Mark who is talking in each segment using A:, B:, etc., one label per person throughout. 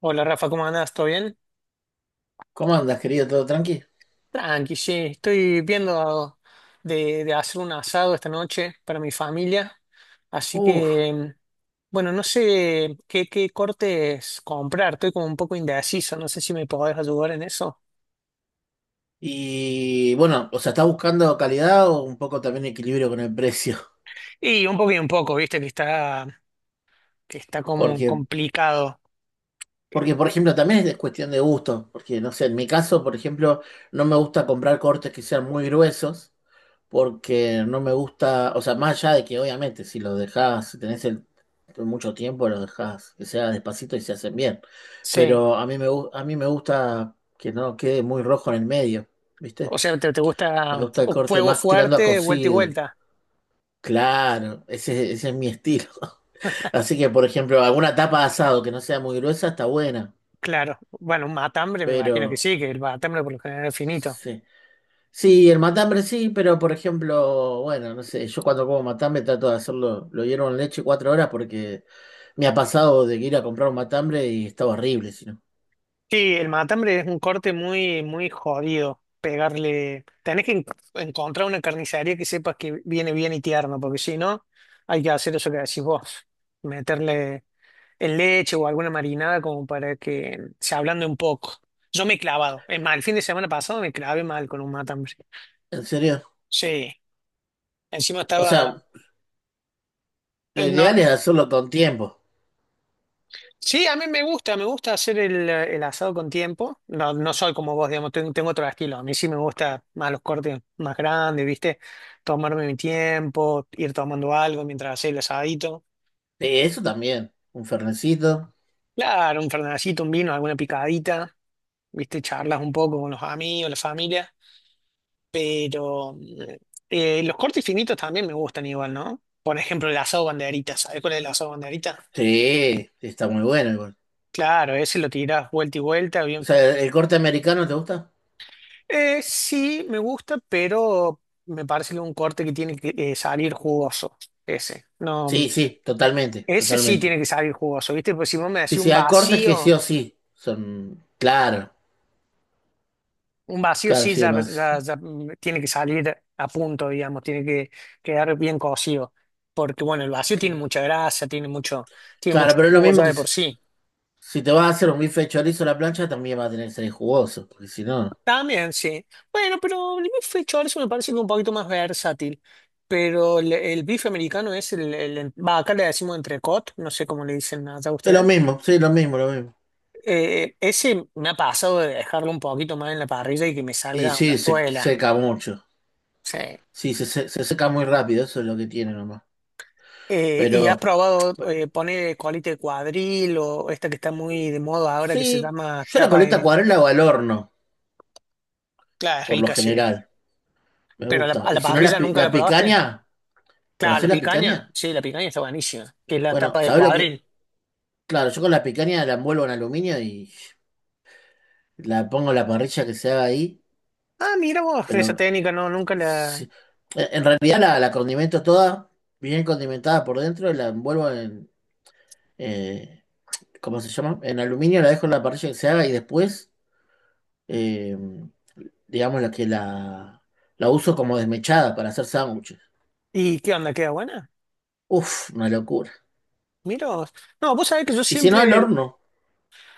A: Hola Rafa, ¿cómo andás? ¿Todo bien?
B: ¿Cómo andas, querido? ¿Todo tranqui?
A: Tranqui, sí. Estoy viendo de hacer un asado esta noche para mi familia. Así
B: Uf,
A: que, bueno, no sé qué cortes comprar. Estoy como un poco indeciso. No sé si me podés ayudar en eso.
B: y bueno, o sea, ¿estás buscando calidad o un poco también equilibrio con el precio?
A: Y un poco, viste que está como
B: Porque,
A: complicado.
B: porque, por ejemplo, también es cuestión de gusto, porque, no sé, en mi caso, por ejemplo, no me gusta comprar cortes que sean muy gruesos, porque no me gusta, o sea, más allá de que obviamente si lo dejás, si tenés el, mucho tiempo, lo dejás que sea despacito y se hacen bien,
A: Sí.
B: pero a mí me gusta que no quede muy rojo en el medio,
A: O
B: ¿viste?
A: sea, ¿te
B: Me
A: gusta
B: gusta el corte
A: fuego
B: más tirando a
A: fuerte, vuelta y
B: cocido.
A: vuelta?
B: Claro, ese es mi estilo. Así que, por ejemplo, alguna tapa de asado que no sea muy gruesa está buena.
A: Claro. Bueno, un matambre me imagino que
B: Pero,
A: sí, que el matambre por lo general es finito.
B: sí. Sí, el matambre sí, pero por ejemplo, bueno, no sé, yo cuando como matambre trato de hacerlo, lo hiervo en leche 4 horas porque me ha pasado de ir a comprar un matambre y estaba horrible, si no.
A: Sí, el matambre es un corte muy, muy jodido. Pegarle. Encontrar una carnicería que sepas que viene bien y tierno, porque si no, hay que hacer eso que decís vos. Meterle el leche o alguna marinada como para que se ablande un poco. Yo me he clavado. Es mal, el fin de semana pasado me clavé mal con un matambre.
B: ¿En serio?
A: Sí. Encima
B: O sea,
A: estaba.
B: lo
A: No,
B: ideal es hacerlo con tiempo.
A: Sí, a mí me gusta hacer el asado con tiempo. No, no soy como vos, digamos, tengo otro estilo. A mí sí me gusta más los cortes más grandes, ¿viste? Tomarme mi tiempo, ir tomando algo mientras hacía el asadito.
B: Sí, eso también. Un fernecito.
A: Claro, un fernandcito, un vino, alguna picadita, ¿viste? Charlas un poco con los amigos, la familia. Pero los cortes finitos también me gustan igual, ¿no? Por ejemplo, el asado banderita, ¿sabes cuál es el asado banderita?
B: Sí, sí, está muy bueno igual.
A: Claro, ese lo tirás vuelta y vuelta,
B: O
A: bien.
B: sea, ¿el corte americano te gusta?
A: Sí, me gusta, pero me parece que es un corte que tiene que salir jugoso. Ese. No,
B: Sí, sí, totalmente,
A: Ese sí tiene
B: totalmente.
A: que salir jugoso, ¿viste? Pues si vos me decís
B: Sí, sí, hay cortes que sí o sí son. Claro,
A: un vacío
B: claro,
A: sí
B: sí,
A: ya,
B: lo
A: ya-
B: hace.
A: ya, mm, tiene que salir a punto, digamos, tiene que quedar bien cocido. Porque bueno, el vacío tiene mucha grasa, tiene
B: Claro,
A: mucho
B: pero es lo
A: jugo
B: mismo
A: ya
B: que
A: de
B: si
A: por sí.
B: si te vas a hacer un bife de chorizo a la plancha, también va a tener que ser jugoso, porque si no.
A: También, sí. Bueno, pero el bife chorizo me parece que es un poquito más versátil. Pero el bife americano es el, acá le decimos entrecot, no sé cómo le dicen allá
B: Es lo
A: ustedes.
B: mismo, sí, lo mismo, lo mismo.
A: Ese me ha pasado de dejarlo un poquito más en la parrilla y que me
B: Y
A: salga una
B: sí, se
A: suela.
B: seca mucho.
A: Sí.
B: Sí, se seca muy rápido, eso es lo que tiene nomás.
A: ¿Y has
B: Pero
A: probado
B: bueno,
A: poner colita de cuadril o esta que está muy de moda ahora que se
B: sí,
A: llama
B: yo la
A: tapa de...
B: coleta
A: ne-
B: acuarela o al horno,
A: Claro, es
B: por lo
A: rica, sí.
B: general. Me
A: ¿Pero a la,
B: gusta.
A: a la
B: Y si no, la,
A: parrilla
B: pi-
A: nunca la
B: la
A: probaste?
B: picaña.
A: Claro, la
B: ¿Conocés la picaña?
A: picaña, sí, la picaña está buenísima, que es la
B: Bueno,
A: tapa de
B: ¿sabés lo que?
A: cuadril.
B: Claro, yo con la picaña la envuelvo en aluminio y la pongo en la parrilla que se haga ahí,
A: Ah, mira vos, esa
B: pero
A: técnica nunca la...
B: sí. En realidad la condimento toda, bien condimentada por dentro, y la envuelvo en, eh, ¿cómo se llama? En aluminio, la dejo en la parrilla que se haga y después, eh, digamos, la uso como desmechada para hacer sándwiches.
A: ¿Y qué onda? ¿Queda buena?
B: Uf, una locura.
A: Mira vos. No, vos sabés que yo
B: Y si no, al
A: siempre el-
B: horno,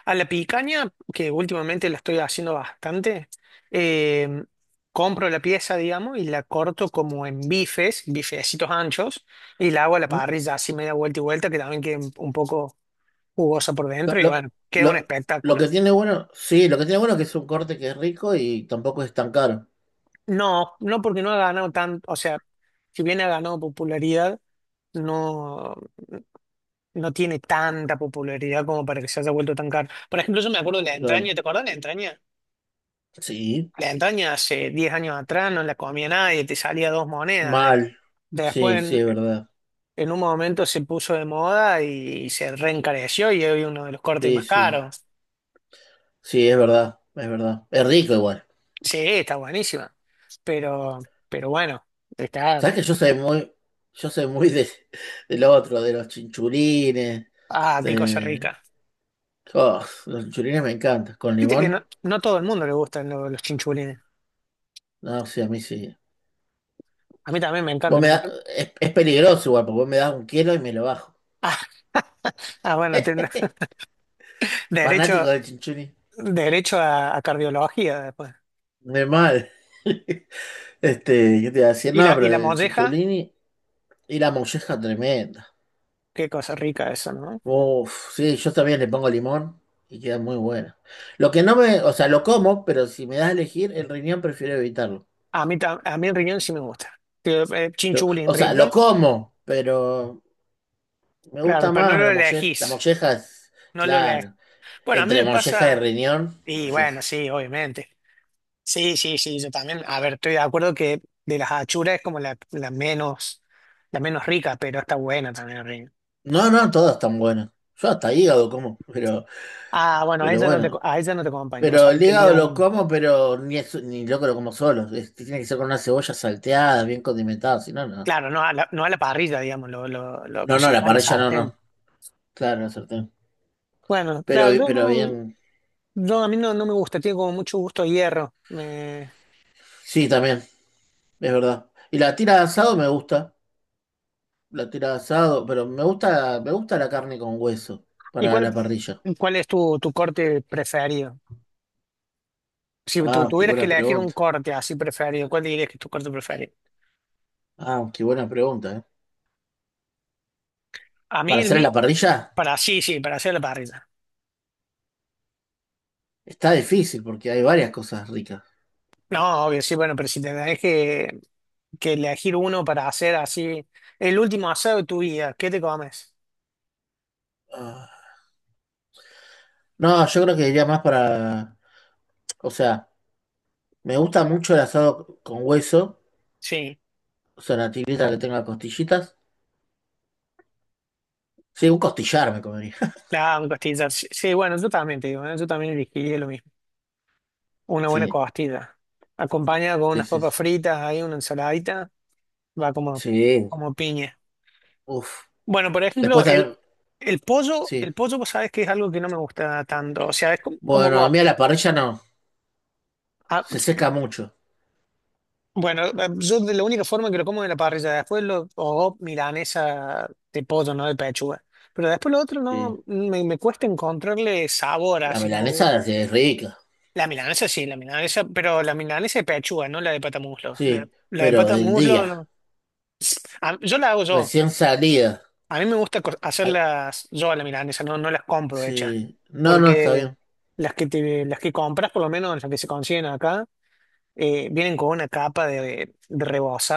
A: a la picaña, que últimamente la estoy haciendo bastante, eh, compro la pieza, digamos, y la corto como en bifes, bifecitos anchos, y la hago a la
B: ¿no?
A: parrilla así media vuelta y vuelta, que también queda un poco jugosa por
B: Lo,
A: dentro, y
B: lo,
A: bueno, queda un
B: lo- lo
A: espectáculo.
B: que tiene bueno, sí, lo que tiene bueno es que es un corte que es rico y tampoco es tan caro.
A: No, no porque no ha ganado tanto, o sea, si bien ha ganado popularidad, no, no tiene tanta popularidad como para que se haya vuelto tan caro. Por ejemplo, yo me acuerdo de la
B: Claro.
A: entraña, ¿te acuerdas de la entraña?
B: Sí,
A: La entraña hace 10 años atrás no la comía nadie, te salía dos monedas.
B: mal.
A: Después,
B: Sí, sí,
A: en,
B: es verdad.
A: en un momento se puso de moda y se reencareció y hoy uno de los cortes
B: Sí,
A: más
B: sí.
A: caros.
B: Sí, es verdad, es verdad. Es rico igual.
A: Sí, está buenísima. Pero, pero bueno, está,
B: ¿Sabes que yo soy muy de, del otro, de los chinchulines,
A: ah, qué cosa
B: de...
A: rica.
B: Oh, los chinchulines me encantan. ¿Con
A: Viste que no,
B: limón?
A: no a todo el mundo le gustan los chinchulines.
B: No, sí, a mí sí.
A: A mí también me
B: Vos
A: encanta,
B: me
A: me
B: da,
A: encanta.
B: es peligroso igual, porque vos me das un kilo y me lo bajo.
A: Ah, ah, bueno, tiene
B: Fanático
A: derecho,
B: del chinchulín.
A: derecho a cardiología después.
B: De mal. Este, yo te iba a decir,
A: Y
B: no,
A: la, y
B: pero
A: la
B: el
A: molleja,
B: chincholini y la molleja tremenda.
A: qué cosa rica eso, ¿no?
B: Uf, sí, yo también le pongo limón y queda muy buena. Lo que no me, o sea, lo como, pero si me das a elegir, el riñón prefiero evitarlo.
A: A mí, a mí el riñón sí me gusta. Digo, chinchulín,
B: O sea, lo
A: riñón,
B: como, pero me
A: claro,
B: gusta
A: pero no
B: más
A: lo
B: la molleja. La
A: elegís,
B: molleja es,
A: no lo elegís.
B: claro,
A: Bueno, a mí
B: entre
A: me
B: molleja y
A: pasa,
B: riñón,
A: y bueno,
B: molleja.
A: sí, obviamente. Sí, sí, sí, yo también. A ver, estoy de acuerdo que de las achuras es como la menos rica, pero está buena también el riñón.
B: No, no, todas están buenas. Yo hasta hígado como,
A: Ah, bueno, a
B: pero
A: ella no te,
B: bueno.
A: a ella no te acompaño. O
B: Pero
A: sea,
B: el hígado
A: quería,
B: lo como, pero ni loco lo como solo. Es- tiene que ser con una cebolla salteada, bien condimentada, si no, no.
A: claro, no a la parrilla, digamos, lo
B: No, no, la
A: cocinar a la
B: parrilla no, no.
A: sartén.
B: Claro, la sartén.
A: Bueno, claro, yo
B: Pero
A: no,
B: bien.
A: yo- a mí no, no me gusta, tiene como mucho gusto a hierro. Me-
B: Sí, también, es verdad. Y la tira de asado me gusta. La tira de asado, pero me gusta la carne con hueso
A: ¿Y
B: para la parrilla.
A: cuál es tu corte preferido? Si tú
B: Ah, qué
A: tuvieras que
B: buena
A: elegir un
B: pregunta.
A: corte así preferido, ¿cuál dirías que es tu corte preferido?
B: Ah, qué buena pregunta, ¿eh?
A: A mí
B: Para
A: el
B: hacer en
A: mío,
B: la parrilla
A: para sí, sí, para hacer la parrilla.
B: está difícil porque hay varias cosas ricas.
A: No, obvio, sí, bueno, pero si que elegir uno para hacer así, el último asado de tu vida, ¿qué te comes?
B: Ah, no, yo creo que iría más para, o sea. Me gusta mucho el asado con hueso,
A: Sí.
B: o sea, la tigrita que tenga costillitas. Sí, un costillar me comería.
A: La costilla. Sí, sí, bueno, yo también te digo, ¿eh? Yo también elegiría lo mismo. Una buena
B: Sí,
A: costilla. Acompañada con
B: sí,
A: unas
B: sí.
A: papas fritas, ahí una ensaladita, va como,
B: Sí,
A: como piña.
B: uf.
A: Bueno, por ejemplo,
B: Después también, sí.
A: el pollo, vos sabés que es algo que no me gusta tanto. O sea, es como, como
B: Bueno, a mí
A: vos.
B: a la parrilla no,
A: Ah,
B: se seca mucho.
A: bueno, yo de la única forma que lo como es en la parrilla, después lo, o milanesa de pollo, no de pechuga. Pero después lo otro
B: Sí.
A: no, me cuesta encontrarle sabor,
B: La
A: así como
B: milanesa sí, es rica,
A: La milanesa sí, la milanesa, pero la milanesa de pechuga, no la de pata muslo. La,
B: sí,
A: la de
B: pero
A: pata
B: del
A: muslo,
B: día,
A: no. Yo la hago yo.
B: recién salida.
A: A mí me gusta
B: Ah,
A: hacerlas yo a la milanesa, no, no las compro hechas.
B: sí, no, no, está
A: Porque
B: bien.
A: las que compras, por lo menos las que se consiguen acá, vienen con una capa de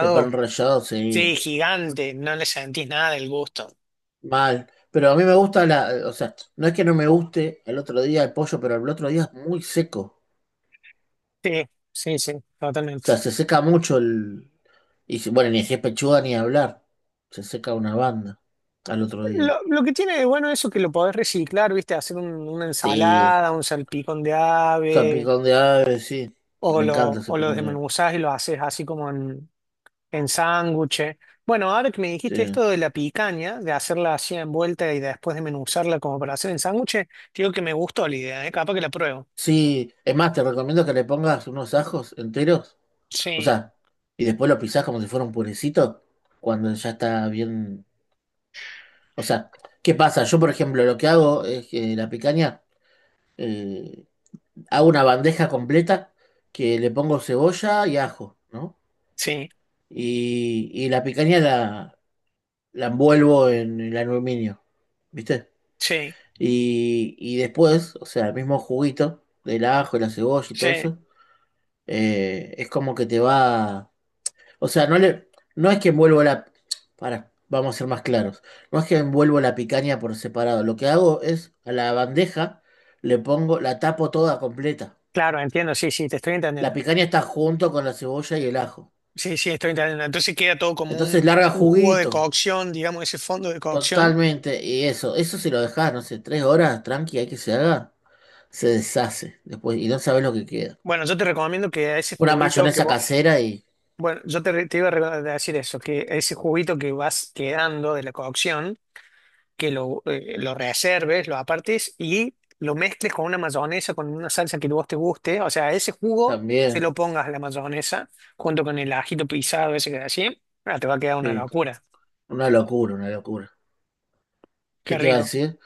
B: De pan rallado, sí,
A: sí, gigante, no le sentís nada del gusto.
B: mal. Pero a mí me gusta la, o sea, no es que no me guste el otro día el pollo, pero el otro día es muy seco.
A: Sí, sí, sí,
B: O
A: totalmente.
B: sea, se seca mucho el... Y si- bueno, ni si es pechuga ni hablar. Se seca una banda al otro día.
A: Lo que tiene de bueno eso que lo podés reciclar, ¿viste? Hacer una
B: Sí.
A: ensalada, un salpicón de
B: O sea,
A: ave.
B: picón de ave, sí.
A: O
B: Me encanta
A: lo,
B: ese
A: o lo
B: picón de ave.
A: desmenuzás y lo haces así como en sándwiches. Bueno, ahora que me dijiste
B: Sí.
A: esto de la picaña, de hacerla así envuelta y después desmenuzarla como para hacer en sándwiches, digo que me gustó la idea, ¿eh? Capaz que la pruebo.
B: Sí. Es más, te recomiendo que le pongas unos ajos enteros. O
A: Sí,
B: sea, y después lo pisás como si fuera un purecito. Cuando ya está bien. O sea, ¿qué pasa? Yo, por ejemplo, lo que hago es que la picaña. eh, Hago una bandeja completa que le pongo cebolla y ajo, ¿no?
A: sí,
B: Y la picaña la envuelvo en el aluminio, ¿viste?
A: sí,
B: Y después, o sea, el mismo juguito del ajo, la cebolla y todo
A: sí.
B: eso, es como que te va... O sea, no es que envuelvo la... Para, vamos a ser más claros. No es que envuelvo la picaña por separado. Lo que hago es a la bandeja le pongo, la tapo toda completa.
A: Claro, entiendo, sí, sí, te estoy
B: La
A: entendiendo.
B: picaña está junto con la cebolla y el ajo.
A: Sí, sí, estoy entendiendo. Entonces queda todo como
B: Entonces larga
A: un jugo de
B: juguito.
A: cocción, digamos, ese fondo de cocción.
B: Totalmente, y eso si lo dejas, no sé, 3 horas, tranqui, hay que se haga, se deshace después y no sabes lo que queda.
A: Bueno, yo te recomiendo que a ese
B: Una
A: juguito que
B: mayonesa
A: vos,
B: casera y
A: bueno, yo te iba a decir eso, que ese juguito que vas quedando de la cocción. Que lo reserves, lo apartes y lo mezcles con una mayonesa, con una salsa que vos te guste. O sea, ese jugo se
B: también,
A: lo pongas a la mayonesa junto con el ajito pisado, ese que así. Ah, te va a quedar una
B: sí,
A: locura.
B: una locura, una locura. ¿Qué
A: Qué
B: te iba a
A: rico.
B: decir?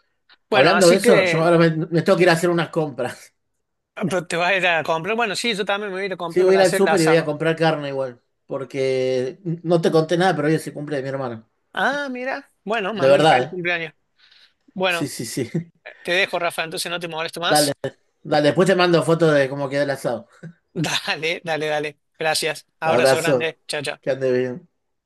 A: Bueno,
B: Hablando de
A: así
B: eso, yo
A: que
B: ahora me tengo que ir a hacer unas compras.
A: ah, pero te vas a ir a comprar. Bueno, sí, yo también me voy a ir a
B: Sí,
A: comprar
B: voy a
A: para
B: ir al
A: hacer el
B: súper y voy a
A: asado.
B: comprar carne igual, porque no te conté nada, pero hoy se cumple de mi hermano.
A: Ah, mira. Bueno,
B: De
A: mándale
B: verdad,
A: feliz
B: ¿eh?
A: cumpleaños. Bueno,
B: Sí, sí, sí.
A: te dejo, Rafa, entonces no te molesto
B: Dale,
A: más.
B: dale, después te mando fotos de cómo queda el asado.
A: Dale, dale, dale. Gracias. Abrazo
B: Abrazo,
A: grande. Chao,
B: que
A: chao.
B: ande bien.